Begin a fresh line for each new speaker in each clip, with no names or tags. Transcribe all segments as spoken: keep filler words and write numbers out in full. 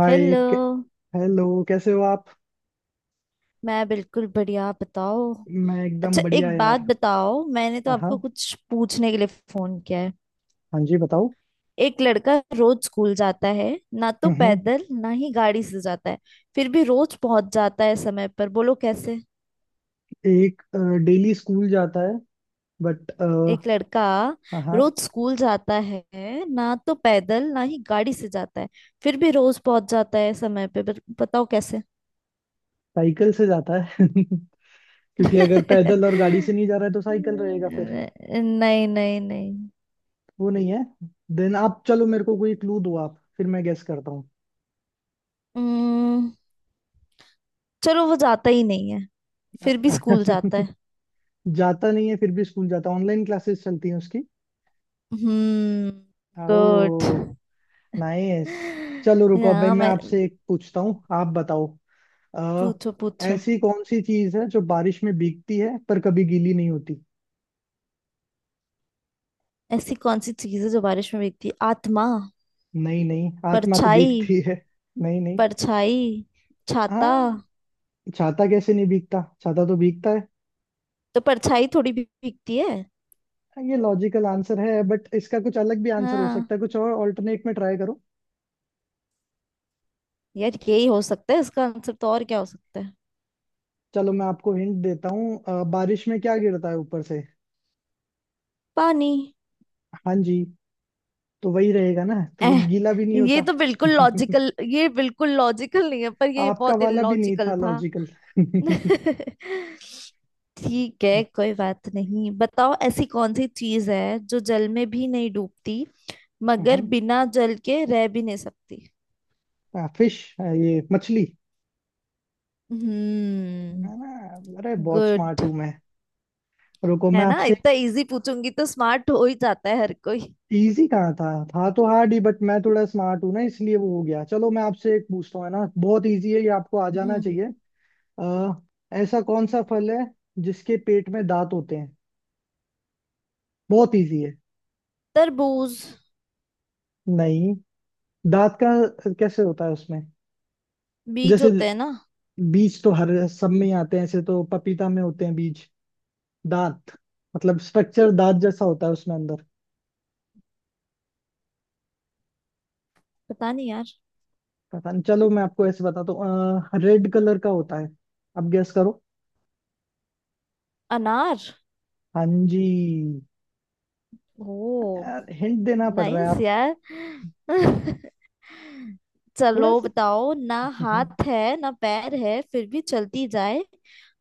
हाय।
Hello.
कै- hello कैसे हो आप।
मैं बिल्कुल बढ़िया, आप बताओ।
मैं एकदम
अच्छा,
बढ़िया
एक बात
यार।
बताओ, मैंने तो
हाँ, हाँ।
आपको कुछ पूछने के लिए फोन किया है।
हाँ जी, बताओ।
एक लड़का रोज स्कूल जाता है, ना तो
हम्म हम्म,
पैदल ना ही गाड़ी से जाता है, फिर भी रोज पहुंच जाता है समय पर, बोलो कैसे।
एक अ, डेली स्कूल जाता है बट।
एक लड़का
हाँ, हाँ।
रोज स्कूल जाता है, ना तो पैदल ना ही गाड़ी से जाता है, फिर भी रोज पहुंच जाता है समय पे, बत- बताओ कैसे।
साइकिल से जाता है। क्योंकि अगर पैदल और गाड़ी से नहीं जा रहा है तो साइकिल रहेगा फिर।
नहीं नहीं नहीं नहीं।
वो नहीं है। देन आप चलो, मेरे को कोई क्लू दो आप, फिर मैं गेस करता हूँ।
हम्म। चलो, वो जाता ही नहीं है फिर भी स्कूल जाता है।
जाता नहीं है फिर भी स्कूल जाता है। ऑनलाइन क्लासेस चलती हैं उसकी।
हम्म। गुड।
ओ। नाइस। चलो रुको, अब भाई
ना
मैं
मैं,
आपसे एक पूछता हूँ, आप बताओ। आ,
पूछो पूछो।
ऐसी कौन सी चीज है जो बारिश में भीगती है पर कभी गीली नहीं होती?
ऐसी कौन सी चीज है जो बारिश में भीगती है? आत्मा।
नहीं, नहीं, आत्मा तो
परछाई।
भीगती है। नहीं, नहीं।
परछाई। छाता।
हाँ। छाता कैसे नहीं भीगता, छाता तो भीगता है।
तो परछाई थोड़ी भी भीगती है।
हाँ, ये लॉजिकल आंसर है बट इसका कुछ अलग भी आंसर हो
हाँ।
सकता है, कुछ और ऑल्टरनेट में ट्राई करो।
यार, यही हो सकता है इसका आंसर, तो और क्या हो सकता है।
चलो मैं आपको हिंट देता हूँ। अ, बारिश में क्या गिरता है ऊपर से?
पानी।
हाँ जी। तो वही रहेगा ना, तो वो
एह,
गीला भी नहीं
ये
होता।
तो बिल्कुल लॉजिकल, ये बिल्कुल लॉजिकल नहीं है, पर ये
आपका
बहुत
वाला भी नहीं
इलॉजिकल
था
था।
लॉजिकल।
ठीक है, कोई बात नहीं। बताओ ऐसी कौन सी चीज है जो जल में भी नहीं डूबती मगर बिना जल के रह भी नहीं सकती।
फिश, ये मछली।
हम्म।
ना, ना, अरे बहुत स्मार्ट
गुड
हूँ मैं। रुको, मैं
है ना,
आपसे एक।
इतना इजी पूछूंगी तो स्मार्ट हो ही जाता है हर कोई।
इजी कहाँ था। था तो हार्ड ही बट मैं थोड़ा स्मार्ट हूँ ना, इसलिए वो हो गया। चलो मैं आपसे एक पूछता हूँ, है ना बहुत इजी है ये, आपको आ जाना
हम्म।
चाहिए। अ, ऐसा कौन सा फल है जिसके पेट में दांत होते हैं? बहुत इजी है।
तरबूज।
नहीं। दांत का कैसे होता है उसमें?
बीज
जैसे।
होते हैं ना।
बीज तो हर सब में ही आते हैं, ऐसे तो पपीता में होते हैं बीज। दांत। मतलब स्ट्रक्चर दांत जैसा होता है उसमें अंदर।
पता नहीं यार।
पता नहीं, चलो मैं आपको ऐसे बताता हूँ, रेड कलर का होता है। आप गेस करो।
अनार।
हाँ जी।
ओ।
यार, हिंट देना पड़ रहा है
नाइस
आप।
यार। चलो
थोड़ा सा।
बताओ, ना हाथ है ना पैर है फिर भी चलती जाए,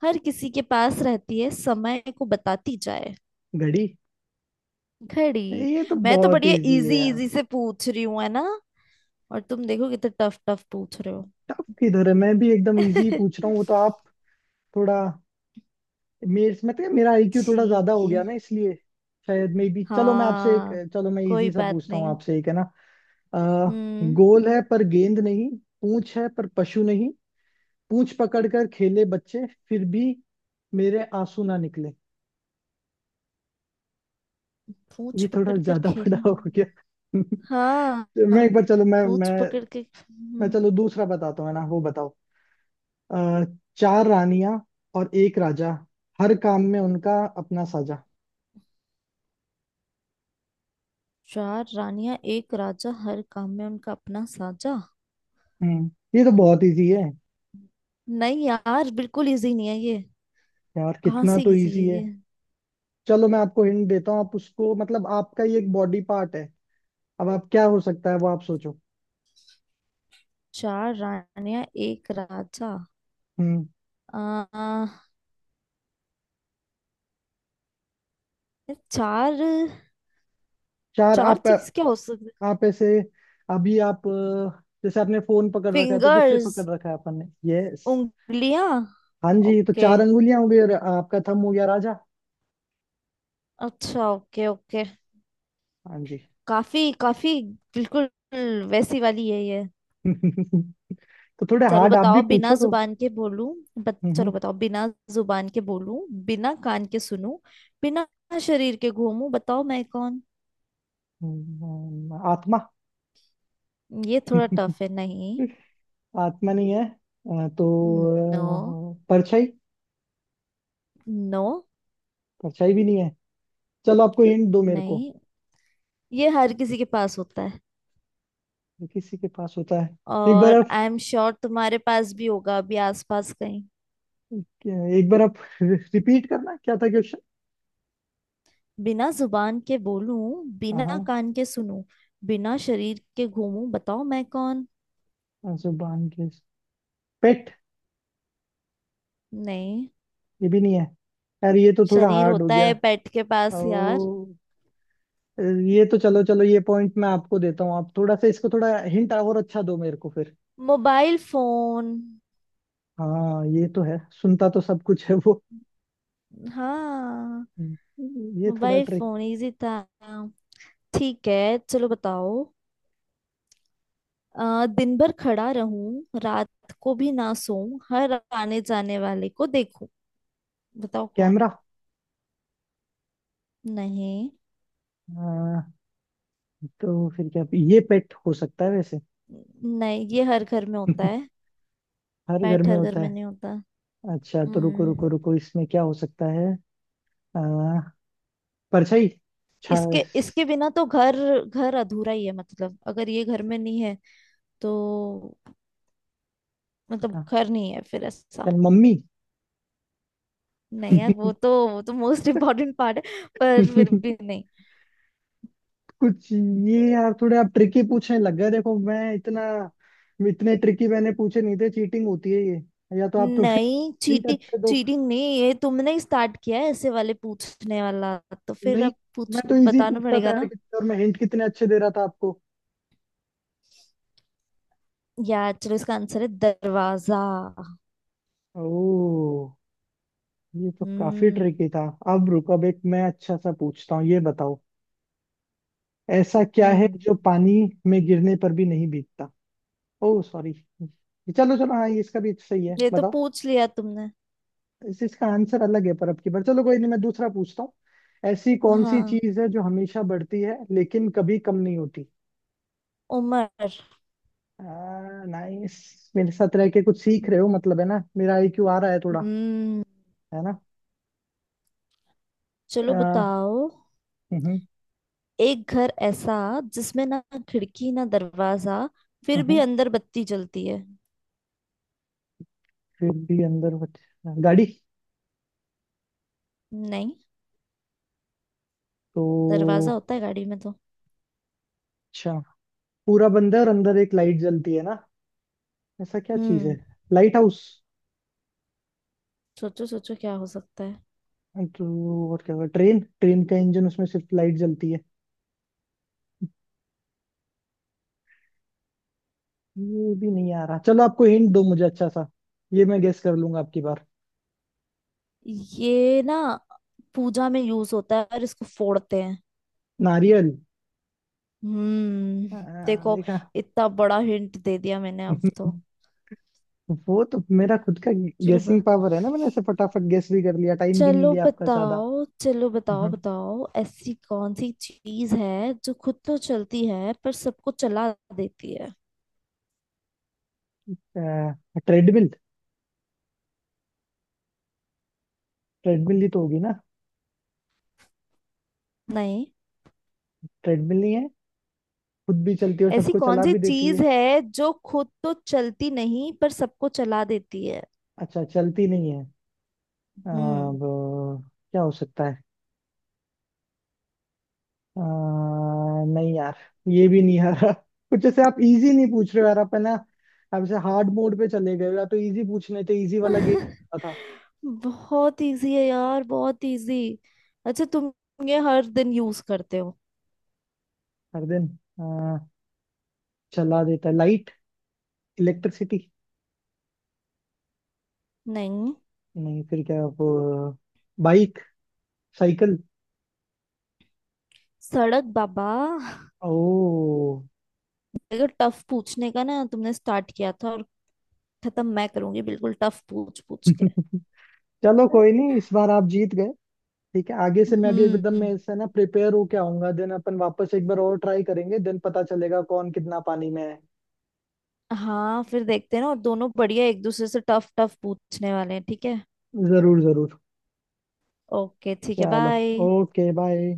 हर किसी के पास रहती है समय को बताती जाए।
घड़ी।
घड़ी।
ये तो
मैं तो
बहुत
बढ़िया
इजी है
इजी
यार।
इजी से पूछ रही हूँ है ना, और तुम देखो कितने टफ टफ पूछ रहे हो।
टफ किधर है, मैं भी एकदम इजी पूछ रहा हूँ, वो तो आप। थोड़ा। मेरे मतलब मेरा आईक्यू थोड़ा ज्यादा
ठीक
हो
है।
गया ना, इसलिए। शायद मे बी, चलो मैं आपसे एक।
हाँ,
चलो मैं
कोई
इजी सा
बात
पूछता हूँ
नहीं।
आपसे एक, है ना। आ,
हम्म।
गोल है पर गेंद नहीं, पूंछ है पर पशु नहीं, पूंछ पकड़ कर खेले बच्चे फिर भी मेरे आंसू ना निकले।
पूछ
ये थोड़ा
पकड़ कर
ज्यादा बड़ा
खेला।
हो गया। मैं
हाँ,
एक बार, चलो मैं
पूछ
मैं
पकड़ के।
मैं
हम्म।
चलो दूसरा बताता हूँ, है ना, वो बताओ। अ, चार रानियां और एक राजा, हर काम में उनका अपना साझा।
चार रानियां एक राजा हर काम में उनका अपना साजा।
हम्म। ये तो बहुत इजी है।
नहीं यार, बिल्कुल इजी नहीं है ये।
यार
कहाँ
कितना
से
तो
इजी है
इजी है।
ये।
चलो मैं आपको हिंट देता हूँ, आप उसको मतलब आपका ये एक बॉडी पार्ट है। अब आप क्या हो सकता है वो आप सोचो।
चार रानियां एक राजा।
हम्म।
आ, चार।
चार
चार
आप।
चीज क्या हो सकती।
आप ऐसे। अभी आप अ, जैसे आपने फोन पकड़ रखा है, तो किससे
फिंगर्स।
पकड़ रखा है अपन ने? यस।
उंगलियां।
हाँ जी, तो
ओके।
चार अंगुलियां हो गई और आपका थंब हो गया राजा।
अच्छा, ओके ओके।
हाँ जी।
काफी काफी, बिल्कुल वैसी वाली है ये।
तो थोड़े
चलो
हार्ड आप भी
बताओ, बिना
पूछो तो।
जुबान के बोलूं। बत,
हम्म,
चलो बताओ बिना जुबान के बोलूं, बिना कान के सुनूं, बिना शरीर के घूमूं, बताओ मैं कौन।
हम्म, हम्म, आत्मा।
ये थोड़ा टफ है नहीं?
आत्मा नहीं है, अ,
नो।
तो अ, परछाई।
नो।
परछाई भी नहीं है। चलो आपको हिंट दो मेरे को।
नहीं, ये हर किसी के पास होता है,
ये किसी के पास होता है। एक बार
और
आप
आई एम श्योर तुम्हारे पास भी होगा अभी आसपास कहीं।
एक बार आप रिपीट करना, क्या था क्वेश्चन।
बिना जुबान के बोलूं, बिना
हाँ।
कान के सुनूं, बिना शरीर के घूमूं, बताओ मैं कौन।
हाँ, जुबान के, पेट।
नहीं।
ये भी नहीं है। यार, ये तो थोड़ा
शरीर
हार्ड हो
होता
गया।
है पेट के पास यार।
ओ। ये तो, चलो चलो, ये पॉइंट मैं आपको देता हूँ, आप थोड़ा सा इसको, थोड़ा हिंट और अच्छा दो मेरे को फिर।
Mobile phone.
हाँ, ये तो है, सुनता तो सब कुछ है वो।
हाँ।
हम्म, ये थोड़ा
मोबाइल
ट्रिक।
फोन इजी था। ठीक है, चलो बताओ। अ, दिन भर खड़ा रहूं रात को भी ना सोऊं हर आने जाने वाले को देखूं, बताओ कौन।
कैमरा।
नहीं।
हाँ, तो फिर क्या ये पेट हो सकता है वैसे।
नहीं, ये हर घर में होता है।
हर घर
पैट
में
हर घर
होता
में
है।
नहीं होता।
अच्छा, तो रुको,
हम्म।
रुको, रुको, इसमें क्या हो सकता है? आ, परछाई, छा,
इसके, इसके बिना तो घर, घर अधूरा ही है, मतलब अगर ये घर में नहीं है तो मतलब
था,
घर नहीं है फिर ऐसा।
मम्मी।
नहीं यार, वो तो, वो तो मोस्ट इम्पोर्टेंट पार्ट है पर फिर भी नहीं।
कुछ ये यार, थोड़े आप ट्रिकी पूछने लग गए, देखो मैं इतना इतने ट्रिकी मैंने पूछे नहीं थे, चीटिंग होती है ये। या तो आप थोड़े
नहीं
हिंट
चीटिंग,
अच्छे दो।
चीटिंग नहीं, ये तुमने ही स्टार्ट किया है ऐसे वाले पूछने वाला, तो फिर
नहीं।
अब
मैं
पूछ
तो इजी
बताना
पूछ रहा था
पड़ेगा
यार,
ना।
कि- और मैं हिंट कितने अच्छे दे रहा था आपको।
यार चलो, इसका आंसर है दरवाजा।
ओह। ये तो काफी
हम्म।
ट्रिकी था। अब रुको, अब एक मैं अच्छा सा पूछता हूँ, ये बताओ। ऐसा क्या है
हम्म,
जो पानी में गिरने पर भी नहीं भीगता? Oh sorry. चलो चलो, हाँ, ये इसका भी सही है,
ये तो
बताओ।
पूछ लिया तुमने।
इस इसका आंसर अलग है, पर अब की बार चलो कोई नहीं, मैं दूसरा पूछता हूँ। ऐसी कौन सी
हाँ।
चीज है जो हमेशा बढ़ती है लेकिन कभी कम नहीं होती?
उमर।
नाइस, मेरे साथ रह के कुछ सीख रहे हो, मतलब है ना, मेरा आईक्यू आ रहा है थोड़ा।
हम्म।
है ना।
चलो
आ,
बताओ,
हम्म,
एक घर ऐसा जिसमें ना खिड़की ना दरवाजा फिर भी
हम्म,
अंदर बत्ती जलती है।
फिर भी अंदर बच- गाड़ी।
नहीं,
तो।
दरवाजा होता है गाड़ी में तो।
अच्छा। पूरा बंद है और अंदर एक लाइट जलती है ना, ऐसा क्या चीज है?
हम्म,
लाइट हाउस।
सोचो सोचो क्या हो सकता है।
तो और क्या होगा? ट्रेन ट्रेन का इंजन, उसमें सिर्फ लाइट जलती है। ये भी नहीं आ रहा, चलो आपको हिंट दो मुझे अच्छा सा। ये मैं गेस कर लूंगा आपकी बार।
ये ना पूजा में यूज होता है और इसको फोड़ते हैं।
नारियल।
हम्म।
आ,
देखो,
देखा।
इतना बड़ा हिंट दे दिया मैंने अब तो।
वो तो मेरा खुद का
चलो ब-
गेसिंग पावर है ना, मैंने ऐसे फटाफट गेस भी कर लिया, टाइम भी नहीं
चलो
लिया आपका सादा।
बताओ, चलो बताओ, बताओ ऐसी कौन सी चीज है जो खुद तो चलती है पर सबको चला देती है।
ट्रेडमिल। ट्रेडमिल ही तो होगी ना।
नहीं।
ट्रेडमिल नहीं है। खुद भी चलती है और
ऐसी
सबको
कौन
चला
सी
भी देती है।
चीज है जो खुद तो चलती नहीं पर सबको चला देती है।
अच्छा, चलती नहीं है। आ,
हम्म।
वो क्या हो सकता है? आ, नहीं यार। ये भी नहीं आ रहा। कुछ जैसे आप इजी नहीं पूछ रहे हो यार, आप है ना। आप जैसे हार्ड मोड पे चले गए हो, या तो इजी पूछने थे, इजी वाला गेम था।
बहुत इजी है यार, बहुत इजी। अच्छा तुम, ये हर दिन यूज करते हो।
हर दिन। आ, चला देता लाइट। इलेक्ट्रिसिटी।
नहीं।
नहीं फिर क्या वो। बाइक। साइकिल।
सड़क बाबा।
ओ।
अगर टफ पूछने का ना तुमने स्टार्ट किया था, और खत्म मैं करूंगी बिल्कुल टफ पूछ पूछ के।
चलो कोई नहीं, इस बार आप जीत गए। ठीक है, आगे से मैं भी एकदम, मैं
हम्म।
इससे ना प्रिपेयर होके आऊंगा, देन अपन वापस एक बार और ट्राई करेंगे, देन पता चलेगा कौन कितना पानी में है।
हाँ फिर देखते हैं ना, और दोनों बढ़िया एक दूसरे से टफ टफ पूछने वाले हैं ठीक है।
जरूर, जरूर।
ओके ठीक है,
चलो।
बाय।
Okay, bye.